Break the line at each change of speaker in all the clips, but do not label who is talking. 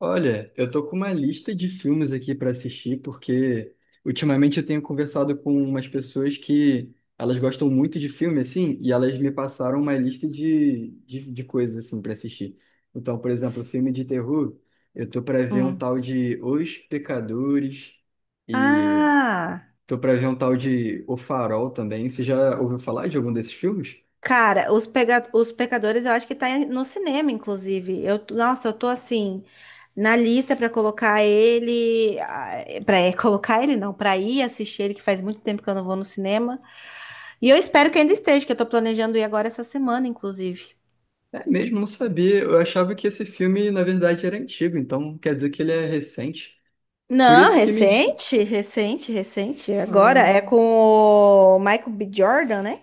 Olha, eu tô com uma lista de filmes aqui para assistir, porque ultimamente eu tenho conversado com umas pessoas que elas gostam muito de filme, assim, e elas me passaram uma lista de coisas, assim, para assistir. Então, por exemplo,
S-
filme de terror, eu tô para ver um
Hum.
tal de Os Pecadores e
Ah,
tô para ver um tal de O Farol também. Você já ouviu falar de algum desses filmes?
cara, os pecadores eu acho que tá no cinema, inclusive. Nossa, eu tô assim, na lista pra colocar ele. Pra colocar ele, não, pra ir assistir ele, que faz muito tempo que eu não vou no cinema. E eu espero que ainda esteja, que eu tô planejando ir agora essa semana, inclusive.
É mesmo, não sabia. Eu achava que esse filme, na verdade, era antigo, então quer dizer que ele é recente. Por
Não,
isso que me. Indi-
recente, recente, recente. Agora é
Ah,
com o Michael B. Jordan, né?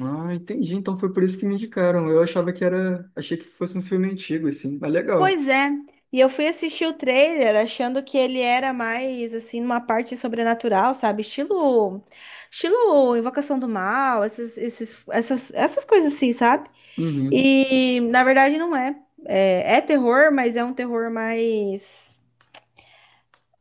ah, entendi. Então foi por isso que me indicaram. Eu achava que era. Achei que fosse um filme antigo, assim. Mas legal.
Pois é. E eu fui assistir o trailer achando que ele era mais assim numa parte sobrenatural, sabe? Estilo, estilo Invocação do Mal, essas coisas assim, sabe?
Uhum,
E na verdade não é. É terror, mas é um terror mais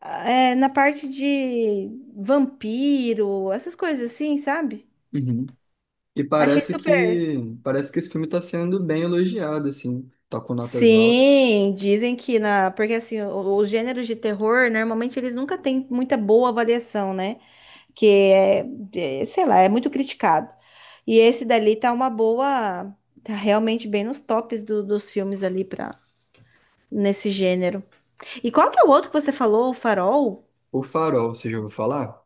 é, na parte de vampiro, essas coisas assim, sabe?
uhum.
Achei super.
Parece que esse filme está sendo bem elogiado, assim. Tá com notas altas.
Sim, dizem que na. Porque assim, os gêneros de terror, normalmente eles nunca têm muita boa avaliação, né? que é, sei lá, é muito criticado. E esse dali tá uma boa, tá realmente bem nos tops dos filmes ali para nesse gênero. E qual que é o outro que você falou, o Farol?
O Farol, você já ouviu falar?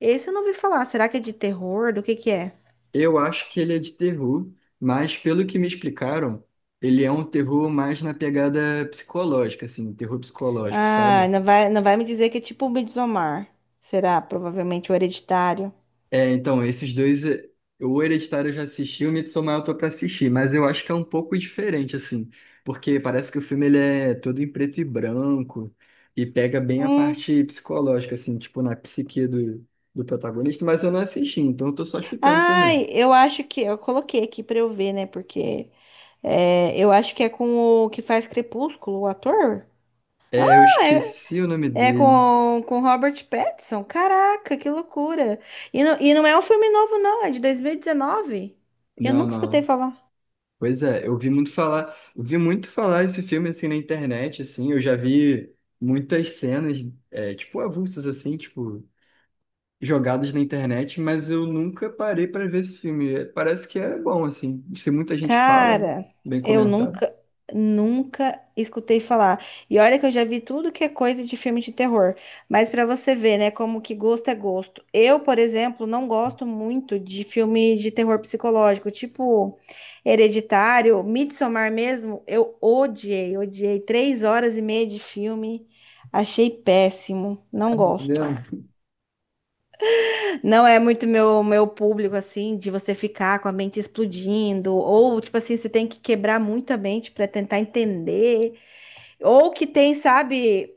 Esse eu não ouvi falar. Será que é de terror? Do que é?
Eu acho que ele é de terror, mas pelo que me explicaram, ele é um terror mais na pegada psicológica, assim, terror psicológico,
Ah,
sabe?
não vai me dizer que é tipo o Midsommar. Será? Provavelmente o Hereditário.
É, então, esses dois, é, o Hereditário eu já assisti, o Midsommar eu tô pra assistir, mas eu acho que é um pouco diferente, assim, porque parece que o filme ele é todo em preto e branco e pega bem a
Hum.
parte psicológica, assim, tipo na psique do protagonista, mas eu não assisti, então eu tô só chutando também.
Ai, eu acho que eu coloquei aqui pra eu ver, né? Porque é, eu acho que é com o que faz Crepúsculo, o ator.
É, eu
Ah,
esqueci o nome
é
dele.
com Robert Pattinson? Caraca, que loucura! E não é um filme novo, não, é de 2019. Eu
Não,
nunca escutei
não.
falar.
Pois é, eu vi muito falar, eu vi muito falar esse filme, assim, na internet, assim, eu já vi muitas cenas, é, tipo, avulsas, assim, tipo. Jogadas na internet, mas eu nunca parei para ver esse filme. É, parece que é bom, assim. Se muita gente fala, né?
Cara,
Bem
eu
comentado.
nunca, nunca escutei falar. E olha que eu já vi tudo que é coisa de filme de terror. Mas pra você ver, né, como que gosto é gosto. Eu, por exemplo, não gosto muito de filme de terror psicológico, tipo Hereditário, Midsommar mesmo. Eu odiei, odiei. Três horas e meia de filme, achei péssimo. Não gosto.
Entendeu?
Não é muito meu, meu público, assim, de você ficar com a mente explodindo, ou, tipo assim, você tem que quebrar muito a mente para tentar entender, ou que tem, sabe,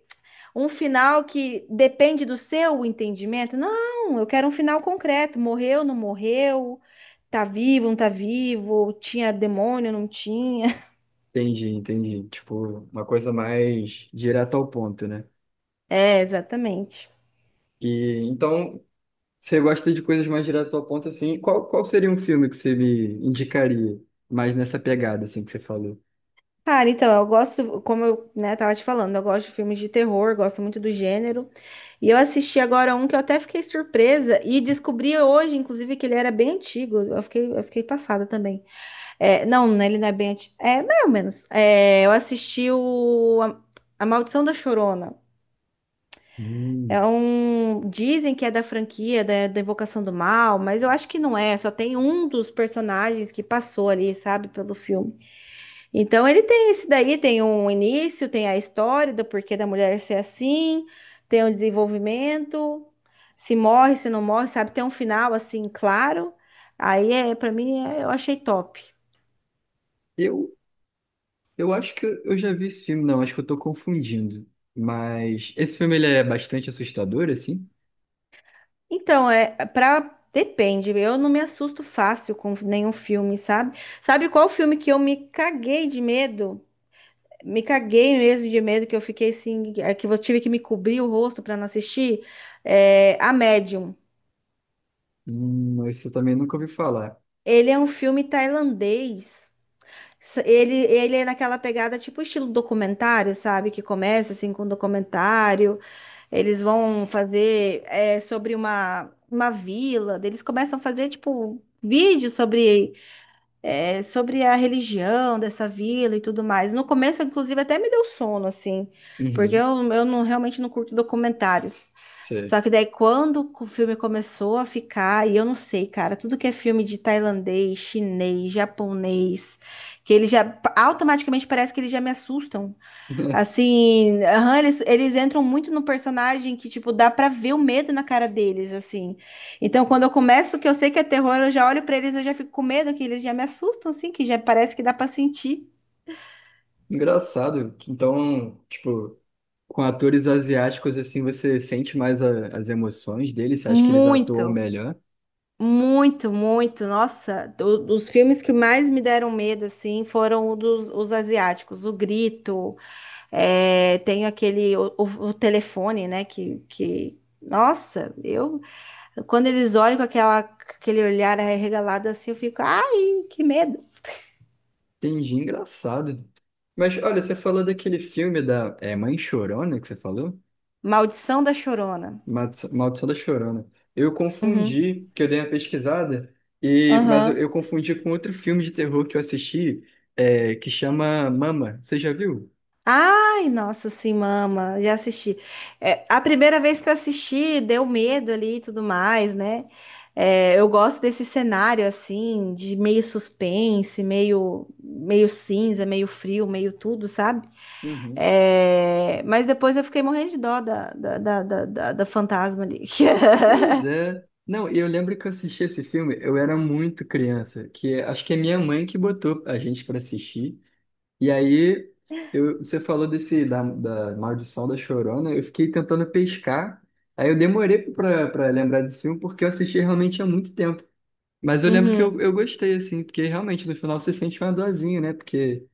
um final que depende do seu entendimento. Não, eu quero um final concreto: morreu, não morreu, tá vivo, não tá vivo, tinha demônio, não tinha.
Entendi, entendi. Tipo, uma coisa mais direta ao ponto, né?
É, exatamente.
E então, você gosta de coisas mais diretas ao ponto, assim. Qual seria um filme que você me indicaria mais nessa pegada, assim, que você falou?
Cara, então, eu gosto, como eu, né, tava te falando, eu gosto de filmes de terror, gosto muito do gênero. E eu assisti agora um que eu até fiquei surpresa e descobri hoje, inclusive, que ele era bem antigo. Eu fiquei passada também. É, não, né, ele não é bem antigo. É, mais ou menos. É, eu assisti A Maldição da Chorona. É
Hum.
um. Dizem que é da franquia da Invocação do Mal, mas eu acho que não é. Só tem um dos personagens que passou ali, sabe, pelo filme. Então ele tem esse daí, tem um início, tem a história do porquê da mulher ser assim, tem um desenvolvimento, se morre, se não morre, sabe? Tem um final assim, claro. Aí é, para mim, eu achei top.
Eu, eu acho que eu já vi esse filme, não, acho que eu tô confundindo. Mas esse filme ele é bastante assustador, assim?
Então, é para depende, eu não me assusto fácil com nenhum filme, sabe? Sabe qual filme que eu me caguei de medo? Me caguei mesmo de medo que eu fiquei assim, é, que eu tive que me cobrir o rosto para não assistir? É, A Médium.
Isso eu também nunca ouvi falar.
Ele é um filme tailandês. Ele, ele é naquela pegada tipo estilo documentário, sabe? Que começa assim com um documentário. Eles vão fazer é, sobre uma vila. Daí eles começam a fazer tipo vídeo sobre, é, sobre a religião dessa vila e tudo mais. No começo, inclusive, até me deu sono, assim, porque
Uhum,
eu não, realmente não curto documentários.
sei.
Só que daí quando o filme começou a ficar, e eu não sei, cara, tudo que é filme de tailandês, chinês, japonês, que eles já automaticamente parece que eles já me assustam. Assim, aham, eles entram muito no personagem que, tipo, dá pra ver o medo na cara deles, assim. Então, quando eu começo, que eu sei que é terror, eu já olho pra eles, eu já fico com medo, que eles já me assustam, assim, que já parece que dá pra sentir
Engraçado. Então, tipo, com atores asiáticos, assim, você sente mais as emoções deles, você acha que eles atuam
muito.
melhor?
Muito, muito. Nossa, dos filmes que mais me deram medo, assim, foram o dos, os asiáticos. O Grito, é, tem aquele, o telefone, né, que... Nossa, eu... Quando eles olham com aquela, com aquele olhar arregalado, assim, eu fico, ai, que medo.
Entendi, engraçado. Mas, olha, você falou daquele filme da é, Mãe Chorona que você falou?
Maldição da Chorona.
Maldição da Chorona. Eu
Uhum.
confundi, que eu dei uma pesquisada, e, mas eu,
Aham.
eu confundi com outro filme de terror que eu assisti, é, que chama Mama. Você já viu?
Ai, nossa, sim, mama, já assisti. É, a primeira vez que eu assisti, deu medo ali e tudo mais, né? É, eu gosto desse cenário, assim, de meio suspense, meio, meio cinza, meio frio, meio tudo, sabe? É, mas depois eu fiquei morrendo de dó da fantasma ali.
Pois é. Não, e eu lembro que eu assisti esse filme, eu era muito criança, que é- acho que é minha mãe que botou a gente pra assistir. E aí eu, você falou desse da Maldição da Chorona, eu fiquei tentando pescar. Aí eu demorei pra lembrar desse filme porque eu assisti realmente há muito tempo. Mas eu lembro que
Uhum.
eu gostei, assim, porque realmente no final você sente uma dorzinha, né? Porque,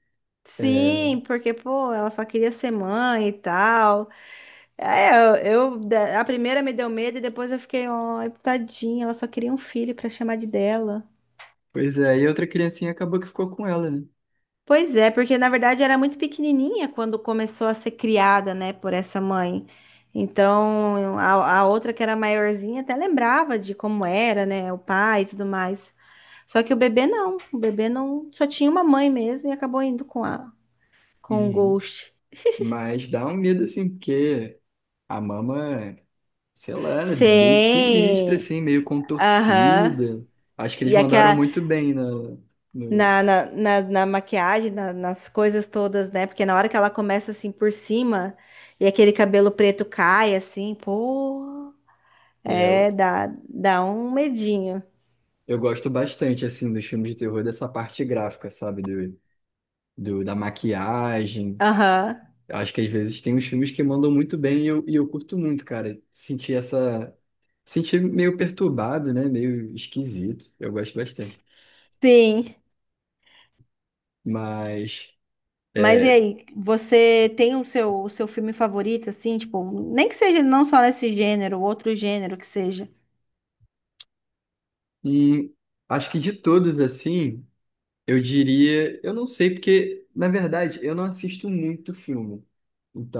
é,
Sim, porque, pô, ela só queria ser mãe e tal. É, a primeira me deu medo e depois eu fiquei, ó, tadinha, ela só queria um filho pra chamar de dela.
pois é, e outra criancinha acabou que ficou com ela, né?
Pois é, porque na verdade era muito pequenininha quando começou a ser criada, né, por essa mãe. Então, a outra que era maiorzinha até lembrava de como era, né, o pai e tudo mais. Só que o bebê não, só tinha uma mãe mesmo e acabou indo com a com o
Uhum.
Ghost.
Mas dá um medo, assim, porque a mama. Sei lá, né, meio sinistra,
Sim.
assim, meio
Aham.
contorcida. Acho que eles
E
mandaram
aquela
muito bem na, no,
na maquiagem, nas coisas todas, né? Porque na hora que ela começa assim por cima e aquele cabelo preto cai assim, pô,
é,
é,
eu
dá, dá um medinho.
eu gosto bastante, assim, dos filmes de terror, dessa parte gráfica, sabe? Da maquiagem.
Aham,
Acho que às vezes tem uns filmes que mandam muito bem e eu curto muito, cara. Sentir essa... Sentir meio perturbado, né? Meio esquisito. Eu gosto bastante.
sim.
Mas,
Mas e
é,
aí, você tem o seu filme favorito, assim, tipo, nem que seja não só nesse gênero, outro gênero que seja.
hum, acho que de todos, assim... Eu diria, eu não sei, porque, na verdade, eu não assisto muito filme.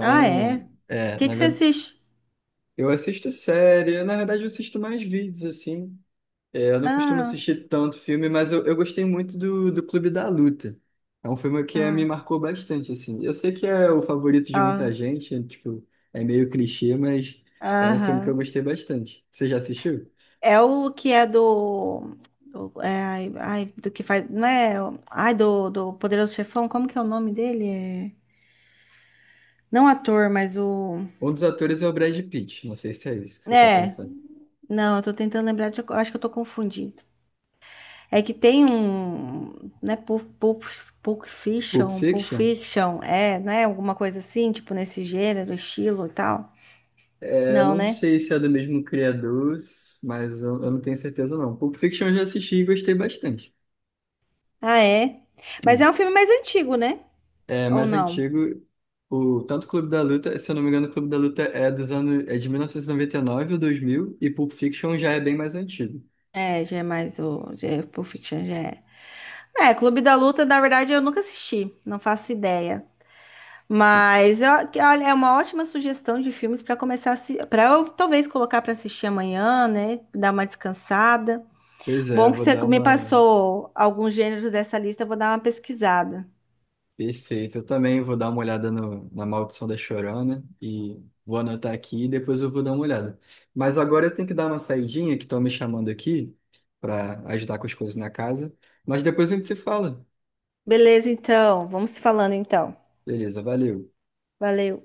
Ah, é? O
é,
que
na
que você
verdade,
assiste?
eu assisto série, na verdade, eu assisto mais vídeos, assim. É, eu não costumo
Ah,
assistir tanto filme, mas eu gostei muito do Clube da Luta. É um filme que me
ah,
marcou bastante, assim. Eu sei que é o favorito de muita
ah,
gente, é, tipo, é meio clichê, mas é um filme que eu
aham.
gostei bastante. Você já assistiu?
É o que é do. Do é, ai, ai, do que faz. Não é. Ai, do Poderoso Chefão, como que é o nome dele? É, não ator, mas o.
Um dos atores é o Brad Pitt, não sei se é isso que você está
É,
pensando.
não, eu tô tentando lembrar, eu acho que eu tô confundindo. É que tem um. Né, Pulp
Pulp
Fiction, Pulp
Fiction?
Fiction, é, né? Alguma coisa assim, tipo nesse gênero, estilo e tal.
Eu
Não,
não
né?
sei se é do mesmo criador, mas eu não tenho certeza não. Pulp Fiction eu já assisti e gostei bastante.
Ah, é. Mas
Hum.
é um filme mais antigo, né?
É
Ou
mais
não?
antigo, o tanto Clube da Luta, se eu não me engano, o Clube da Luta é dos anos, é de 1999 ou 2000 e Pulp Fiction já é bem mais antigo.
É, já é mais o. Já é, Pulp Fiction já é. É, Clube da Luta, na verdade, eu nunca assisti, não faço ideia. Olha, é uma ótima sugestão de filmes para começar a para eu talvez colocar para assistir amanhã, né? Dar uma descansada.
Pois é,
Bom
eu
que
vou
você
dar
me
uma
passou alguns gêneros dessa lista, eu vou dar uma pesquisada.
perfeito. Eu também vou dar uma olhada no, na Maldição da Chorona, né, e vou anotar aqui e depois eu vou dar uma olhada. Mas agora eu tenho que dar uma saidinha que estão me chamando aqui para ajudar com as coisas na casa. Mas depois a gente se fala.
Beleza, então, vamos se falando então.
Beleza, valeu.
Valeu.